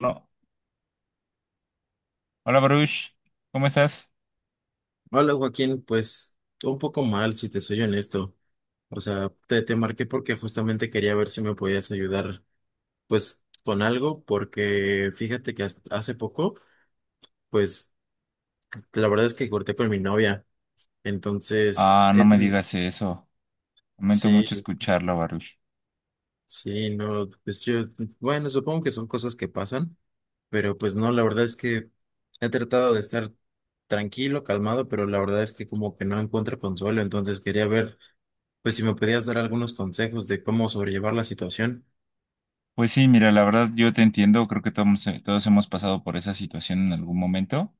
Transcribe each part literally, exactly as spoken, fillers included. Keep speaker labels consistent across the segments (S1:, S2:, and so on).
S1: No. Hola Baruch, ¿cómo estás?
S2: Hola Joaquín, pues un poco mal, si te soy honesto. O sea, te, te marqué porque justamente quería ver si me podías ayudar, pues, con algo, porque fíjate que hasta hace poco, pues, la verdad es que corté con mi novia. Entonces,
S1: Ah, no
S2: he
S1: me
S2: ten-
S1: digas eso. Lamento mucho
S2: sí,
S1: escucharlo, Baruch.
S2: sí, no, pues yo, bueno, supongo que son cosas que pasan, pero pues no, la verdad es que he tratado de estar tranquilo calmado, pero la verdad es que que como que no encuentro consuelo. Entonces quería ver pues si me podías dar algunos consejos de cómo sobrellevar la situación.
S1: Pues sí, mira, la verdad yo te entiendo, creo que todos, eh, todos hemos pasado por esa situación en algún momento.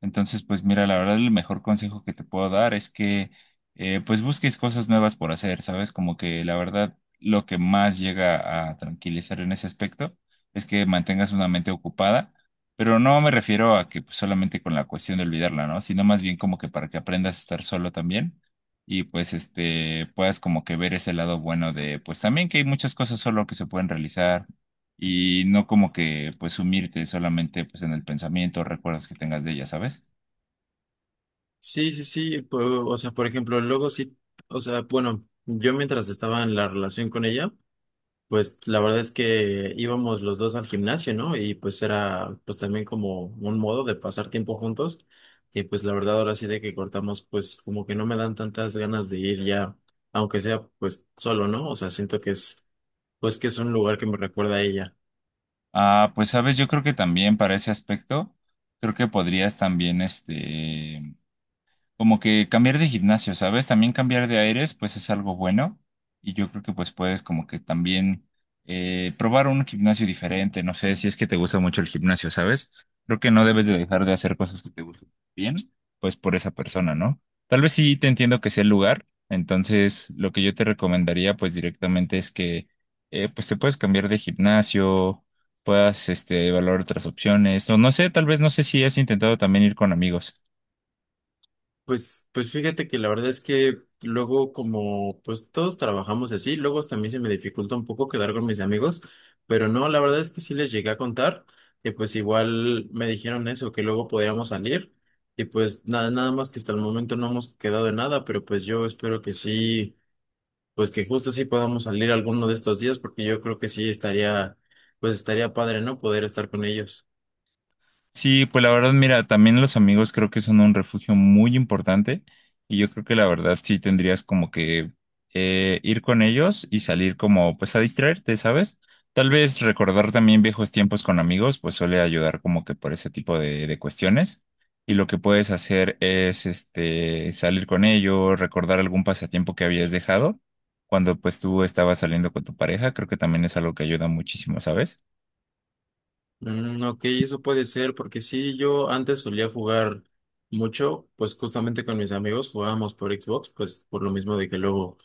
S1: Entonces, pues mira, la verdad el mejor consejo que te puedo dar es que eh, pues busques cosas nuevas por hacer, ¿sabes? Como que la verdad lo que más llega a tranquilizar en ese aspecto es que mantengas una mente ocupada, pero no me refiero a que pues, solamente con la cuestión de olvidarla, ¿no? Sino más bien como que para que aprendas a estar solo también y pues este puedas como que ver ese lado bueno de pues también que hay muchas cosas solo que se pueden realizar y no como que pues sumirte solamente pues en el pensamiento, recuerdos que tengas de ella, ¿sabes?
S2: Sí, sí, sí, po- o sea, por ejemplo, luego sí, o sea, bueno, yo mientras estaba en la relación con ella, pues la verdad es que íbamos los dos al gimnasio, ¿no? Y pues era pues también como un modo de pasar tiempo juntos, y pues la verdad ahora sí de que cortamos, pues como que no me dan tantas ganas de ir ya, aunque sea pues solo, ¿no? O sea, siento que es, pues que es un lugar que me recuerda a ella.
S1: Ah, pues sabes, yo creo que también para ese aspecto creo que podrías también este como que cambiar de gimnasio, ¿sabes? También cambiar de aires, pues es algo bueno. Y yo creo que pues puedes como que también eh, probar un gimnasio diferente. No sé si es que te gusta mucho el gimnasio, ¿sabes? Creo que no debes de dejar de hacer cosas que te gusten bien, pues por esa persona, ¿no? Tal vez sí te entiendo que sea el lugar. Entonces, lo que yo te recomendaría pues directamente es que eh, pues te puedes cambiar de gimnasio, puedas este, evaluar otras opciones. O no sé, tal vez no sé si has intentado también ir con amigos.
S2: Pues, pues fíjate que la verdad es que luego, como pues todos trabajamos así, luego hasta a mí se me dificulta un poco quedar con mis amigos, pero no, la verdad es que sí les llegué a contar, y pues igual me dijeron eso, que luego podíamos salir, y pues nada, nada más que hasta el momento no hemos quedado en nada, pero pues yo espero que sí, pues que justo sí podamos salir alguno de estos días, porque yo creo que sí estaría, pues estaría padre, ¿no? Poder estar con ellos.
S1: Sí, pues la verdad, mira, también los amigos creo que son un refugio muy importante y yo creo que la verdad sí tendrías como que eh, ir con ellos y salir como pues a distraerte, ¿sabes? Tal vez recordar también viejos tiempos con amigos pues suele ayudar como que por ese tipo de, de cuestiones y lo que puedes hacer es este salir con ellos, recordar algún pasatiempo que habías dejado cuando pues tú estabas saliendo con tu pareja, creo que también es algo que ayuda muchísimo, ¿sabes?
S2: Mm, ok, eso puede ser, porque sí, yo antes solía jugar mucho, pues justamente con mis amigos jugábamos por Xbox, pues por lo mismo de que luego,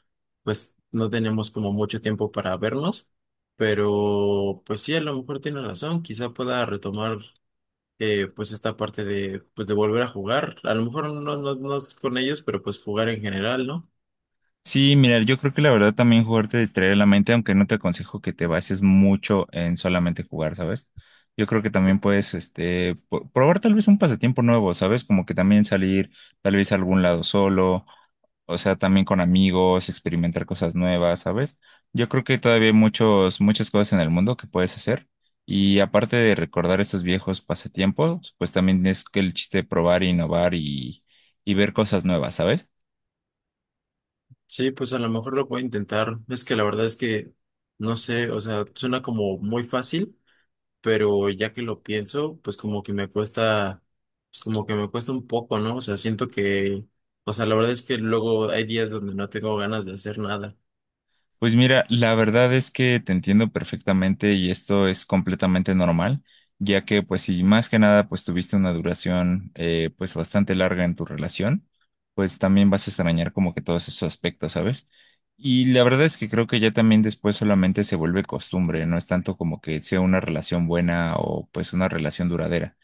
S2: pues no teníamos como mucho tiempo para vernos, pero pues sí, a lo mejor tiene razón, quizá pueda retomar eh, pues esta parte de, pues de volver a jugar, a lo mejor no, no, no con ellos, pero pues jugar en general, ¿no?
S1: Sí, mira, yo creo que la verdad también jugar te distrae la mente, aunque no te aconsejo que te bases mucho en solamente jugar, ¿sabes? Yo creo que también puedes, este, po- probar tal vez un pasatiempo nuevo, ¿sabes? Como que también salir tal vez a algún lado solo, o sea, también con amigos, experimentar cosas nuevas, ¿sabes? Yo creo que todavía hay muchos, muchas cosas en el mundo que puedes hacer. Y aparte de recordar estos viejos pasatiempos, pues también es que el chiste de probar, innovar y, y ver cosas nuevas, ¿sabes?
S2: Sí, pues a lo mejor lo puedo intentar, es que la verdad es que, no sé, o sea, suena como muy fácil, pero ya que lo pienso, pues como que me cuesta, pues como que me cuesta un poco, ¿no? O sea, siento que, o sea, la verdad es que luego hay días donde no tengo ganas de hacer nada.
S1: Pues mira, la verdad es que te entiendo perfectamente y esto es completamente normal, ya que pues si más que nada pues tuviste una duración eh, pues bastante larga en tu relación, pues también vas a extrañar como que todos esos aspectos, ¿sabes? Y la verdad es que creo que ya también después solamente se vuelve costumbre, no es tanto como que sea una relación buena o pues una relación duradera,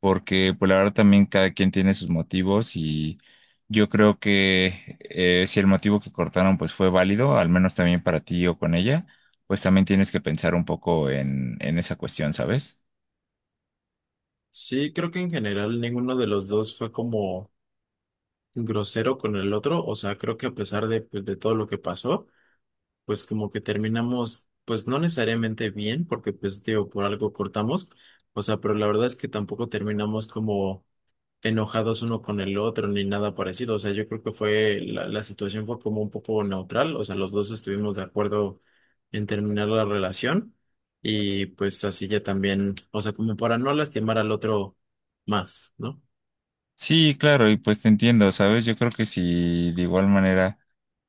S1: porque pues la verdad también cada quien tiene sus motivos. Yo creo que eh, si el motivo que cortaron pues fue válido, al menos también para ti o con ella, pues también tienes que pensar un poco en, en esa cuestión, ¿sabes?
S2: Sí, creo que en general ninguno de los dos fue como grosero con el otro, o sea, creo que a pesar de, pues, de todo lo que pasó, pues como que terminamos, pues no necesariamente bien, porque pues digo, por algo cortamos, o sea, pero la verdad es que tampoco terminamos como enojados uno con el otro ni nada parecido. O sea, yo creo que fue, la, la situación fue como un poco neutral. O sea, los dos estuvimos de acuerdo en terminar la relación, y pues así ya también, o sea, como para no lastimar al otro más, ¿no?
S1: Sí, claro, y pues te entiendo, ¿sabes? Yo creo que si de igual manera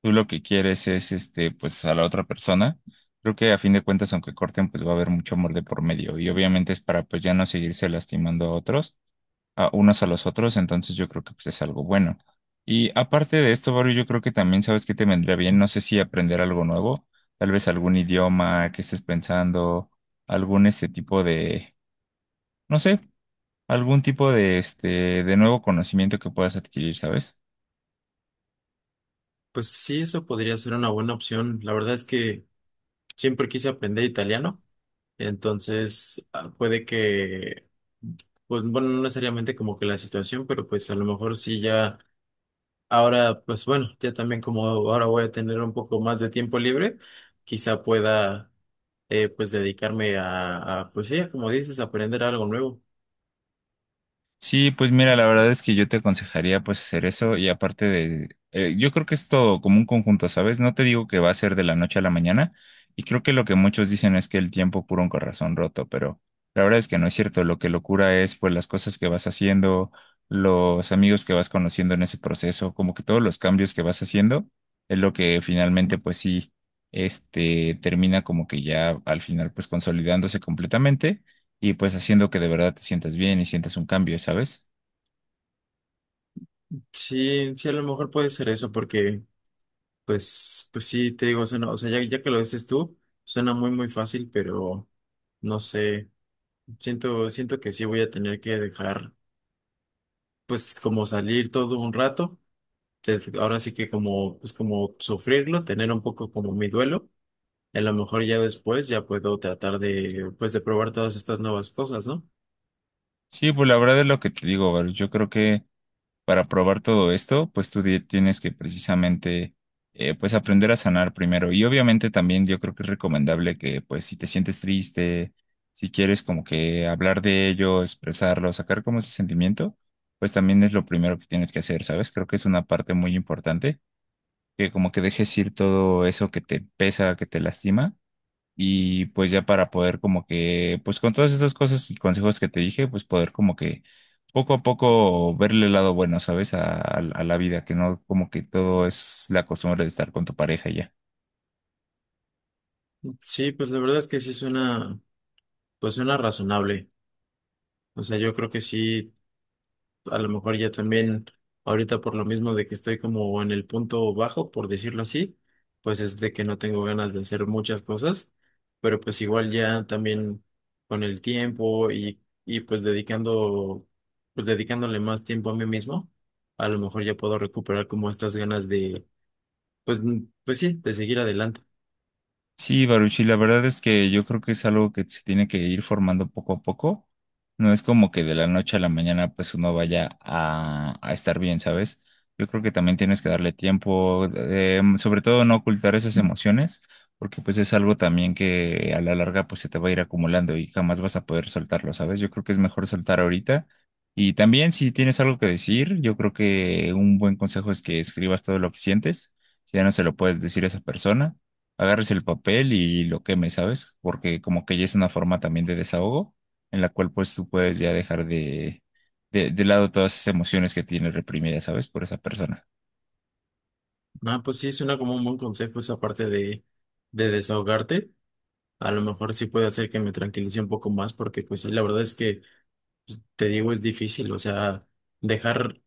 S1: tú lo que quieres es este, pues a la otra persona, creo que a fin de cuentas, aunque corten, pues va a haber mucho amor de por medio y obviamente es para pues ya no seguirse lastimando a otros a unos a los otros, entonces yo creo que pues, es algo bueno. Y aparte de esto, Baru, yo creo que también sabes que te vendría bien, no sé si aprender algo nuevo, tal vez algún idioma que estés pensando, algún este tipo de, no sé, algún tipo de este de nuevo conocimiento que puedas adquirir, ¿sabes?
S2: Pues sí, eso podría ser una buena opción. La verdad es que siempre quise aprender italiano, entonces ah, puede que, pues bueno, no necesariamente como que la situación, pero pues a lo mejor sí ya ahora, pues bueno, ya también como ahora voy a tener un poco más de tiempo libre, quizá pueda eh, pues dedicarme a, a, pues sí, como dices, aprender algo nuevo.
S1: Sí, pues mira, la verdad es que yo te aconsejaría pues hacer eso y aparte de, eh, yo creo que es todo como un conjunto, ¿sabes? No te digo que va a ser de la noche a la mañana y creo que lo que muchos dicen es que el tiempo cura un corazón roto, pero la verdad es que no es cierto, lo que lo cura es pues las cosas que vas haciendo, los amigos que vas conociendo en ese proceso, como que todos los cambios que vas haciendo es lo que finalmente pues sí, este termina como que ya al final pues consolidándose completamente y pues haciendo que de verdad te sientas bien y sientas un cambio, ¿sabes?
S2: Sí, sí, a lo mejor puede ser eso, porque pues, pues sí, te digo, suena- o sea, ya, ya que lo dices tú, suena muy, muy fácil, pero no sé, siento, siento que sí voy a tener que dejar pues como salir todo un rato, te- ahora sí que como, pues como sufrirlo, tener un poco como mi duelo. A lo mejor ya después ya puedo tratar de, pues, de probar todas estas nuevas cosas, ¿no?
S1: Sí, pues la verdad es lo que te digo, Baruch. Yo creo que para probar todo esto, pues tú di- tienes que precisamente, eh, pues aprender a sanar primero. Y obviamente también yo creo que es recomendable que, pues si te sientes triste, si quieres como que hablar de ello, expresarlo, sacar como ese sentimiento, pues también es lo primero que tienes que hacer, ¿sabes? Creo que es una parte muy importante, que como que dejes ir todo eso que te pesa, que te lastima. Y pues ya para poder como que, pues con todas esas cosas y consejos que te dije, pues poder como que poco a poco verle el lado bueno, ¿sabes? A, a- a la vida, que no como que todo es la costumbre de estar con tu pareja y ya.
S2: Sí, pues la verdad es que sí suena, pues suena razonable. O sea, yo creo que sí, a lo mejor ya también, ahorita por lo mismo de que estoy como en el punto bajo, por decirlo así, pues es de que no tengo ganas de hacer muchas cosas, pero pues igual ya también con el tiempo y, y pues dedicando, pues dedicándole más tiempo a mí mismo, a lo mejor ya puedo recuperar como estas ganas de pues, mm, pues sí, de seguir adelante.
S1: Sí, Baruchi, la verdad es que yo creo que es algo que se tiene que ir formando poco a poco. No es como que de la noche a la mañana pues uno vaya a, a estar bien, ¿sabes? Yo creo que también tienes que darle tiempo, eh, mm, sobre todo no ocultar esas emociones, porque pues es algo también que a la larga pues se te va a ir acumulando y jamás vas a poder soltarlo, ¿sabes? Yo creo que es mejor soltar ahorita. Y también si tienes algo que decir, yo creo que un buen consejo es que escribas todo lo que sientes, si ya no se lo puedes decir a esa persona, agarres el papel y lo quemes, ¿sabes? Porque como que ya es una forma también de desahogo en la cual pues tú puedes ya dejar de, de, de lado todas esas emociones que tienes reprimidas, ¿sabes? Por esa persona.
S2: Ah, pues sí, suena como un buen consejo esa parte de, de desahogarte. A lo mejor sí puede hacer que me tranquilice un poco más, porque pues sí, la verdad es que pues, te digo, es difícil, o sea, dejar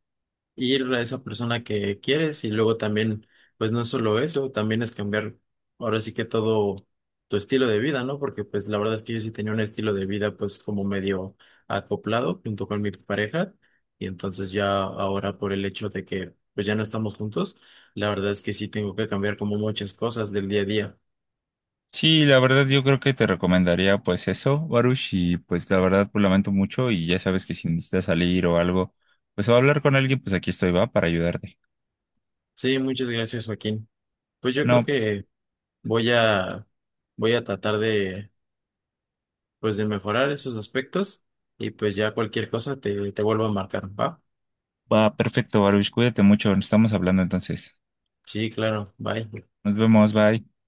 S2: ir a esa persona que quieres, y luego también, pues no es solo eso, también es cambiar ahora sí que todo tu estilo de vida, ¿no? Porque pues la verdad es que yo sí tenía un estilo de vida pues como medio acoplado junto con mi pareja, y entonces ya ahora, por el hecho de que pues ya no estamos juntos, la verdad es que sí tengo que cambiar como muchas cosas del día a día.
S1: Sí, la verdad yo creo que te recomendaría pues eso, Baruch, y pues la verdad pues lamento mucho y ya sabes que si necesitas salir o algo, pues o hablar con alguien, pues aquí estoy, va, para ayudarte.
S2: Sí, muchas gracias, Joaquín. Pues yo creo
S1: No,
S2: que voy a voy a tratar de pues de mejorar esos aspectos, y pues ya cualquier cosa te, te vuelvo a marcar, ¿va?
S1: va, perfecto, Baruch, cuídate mucho, nos estamos hablando entonces.
S2: Sí, claro, bye.
S1: Nos vemos, bye.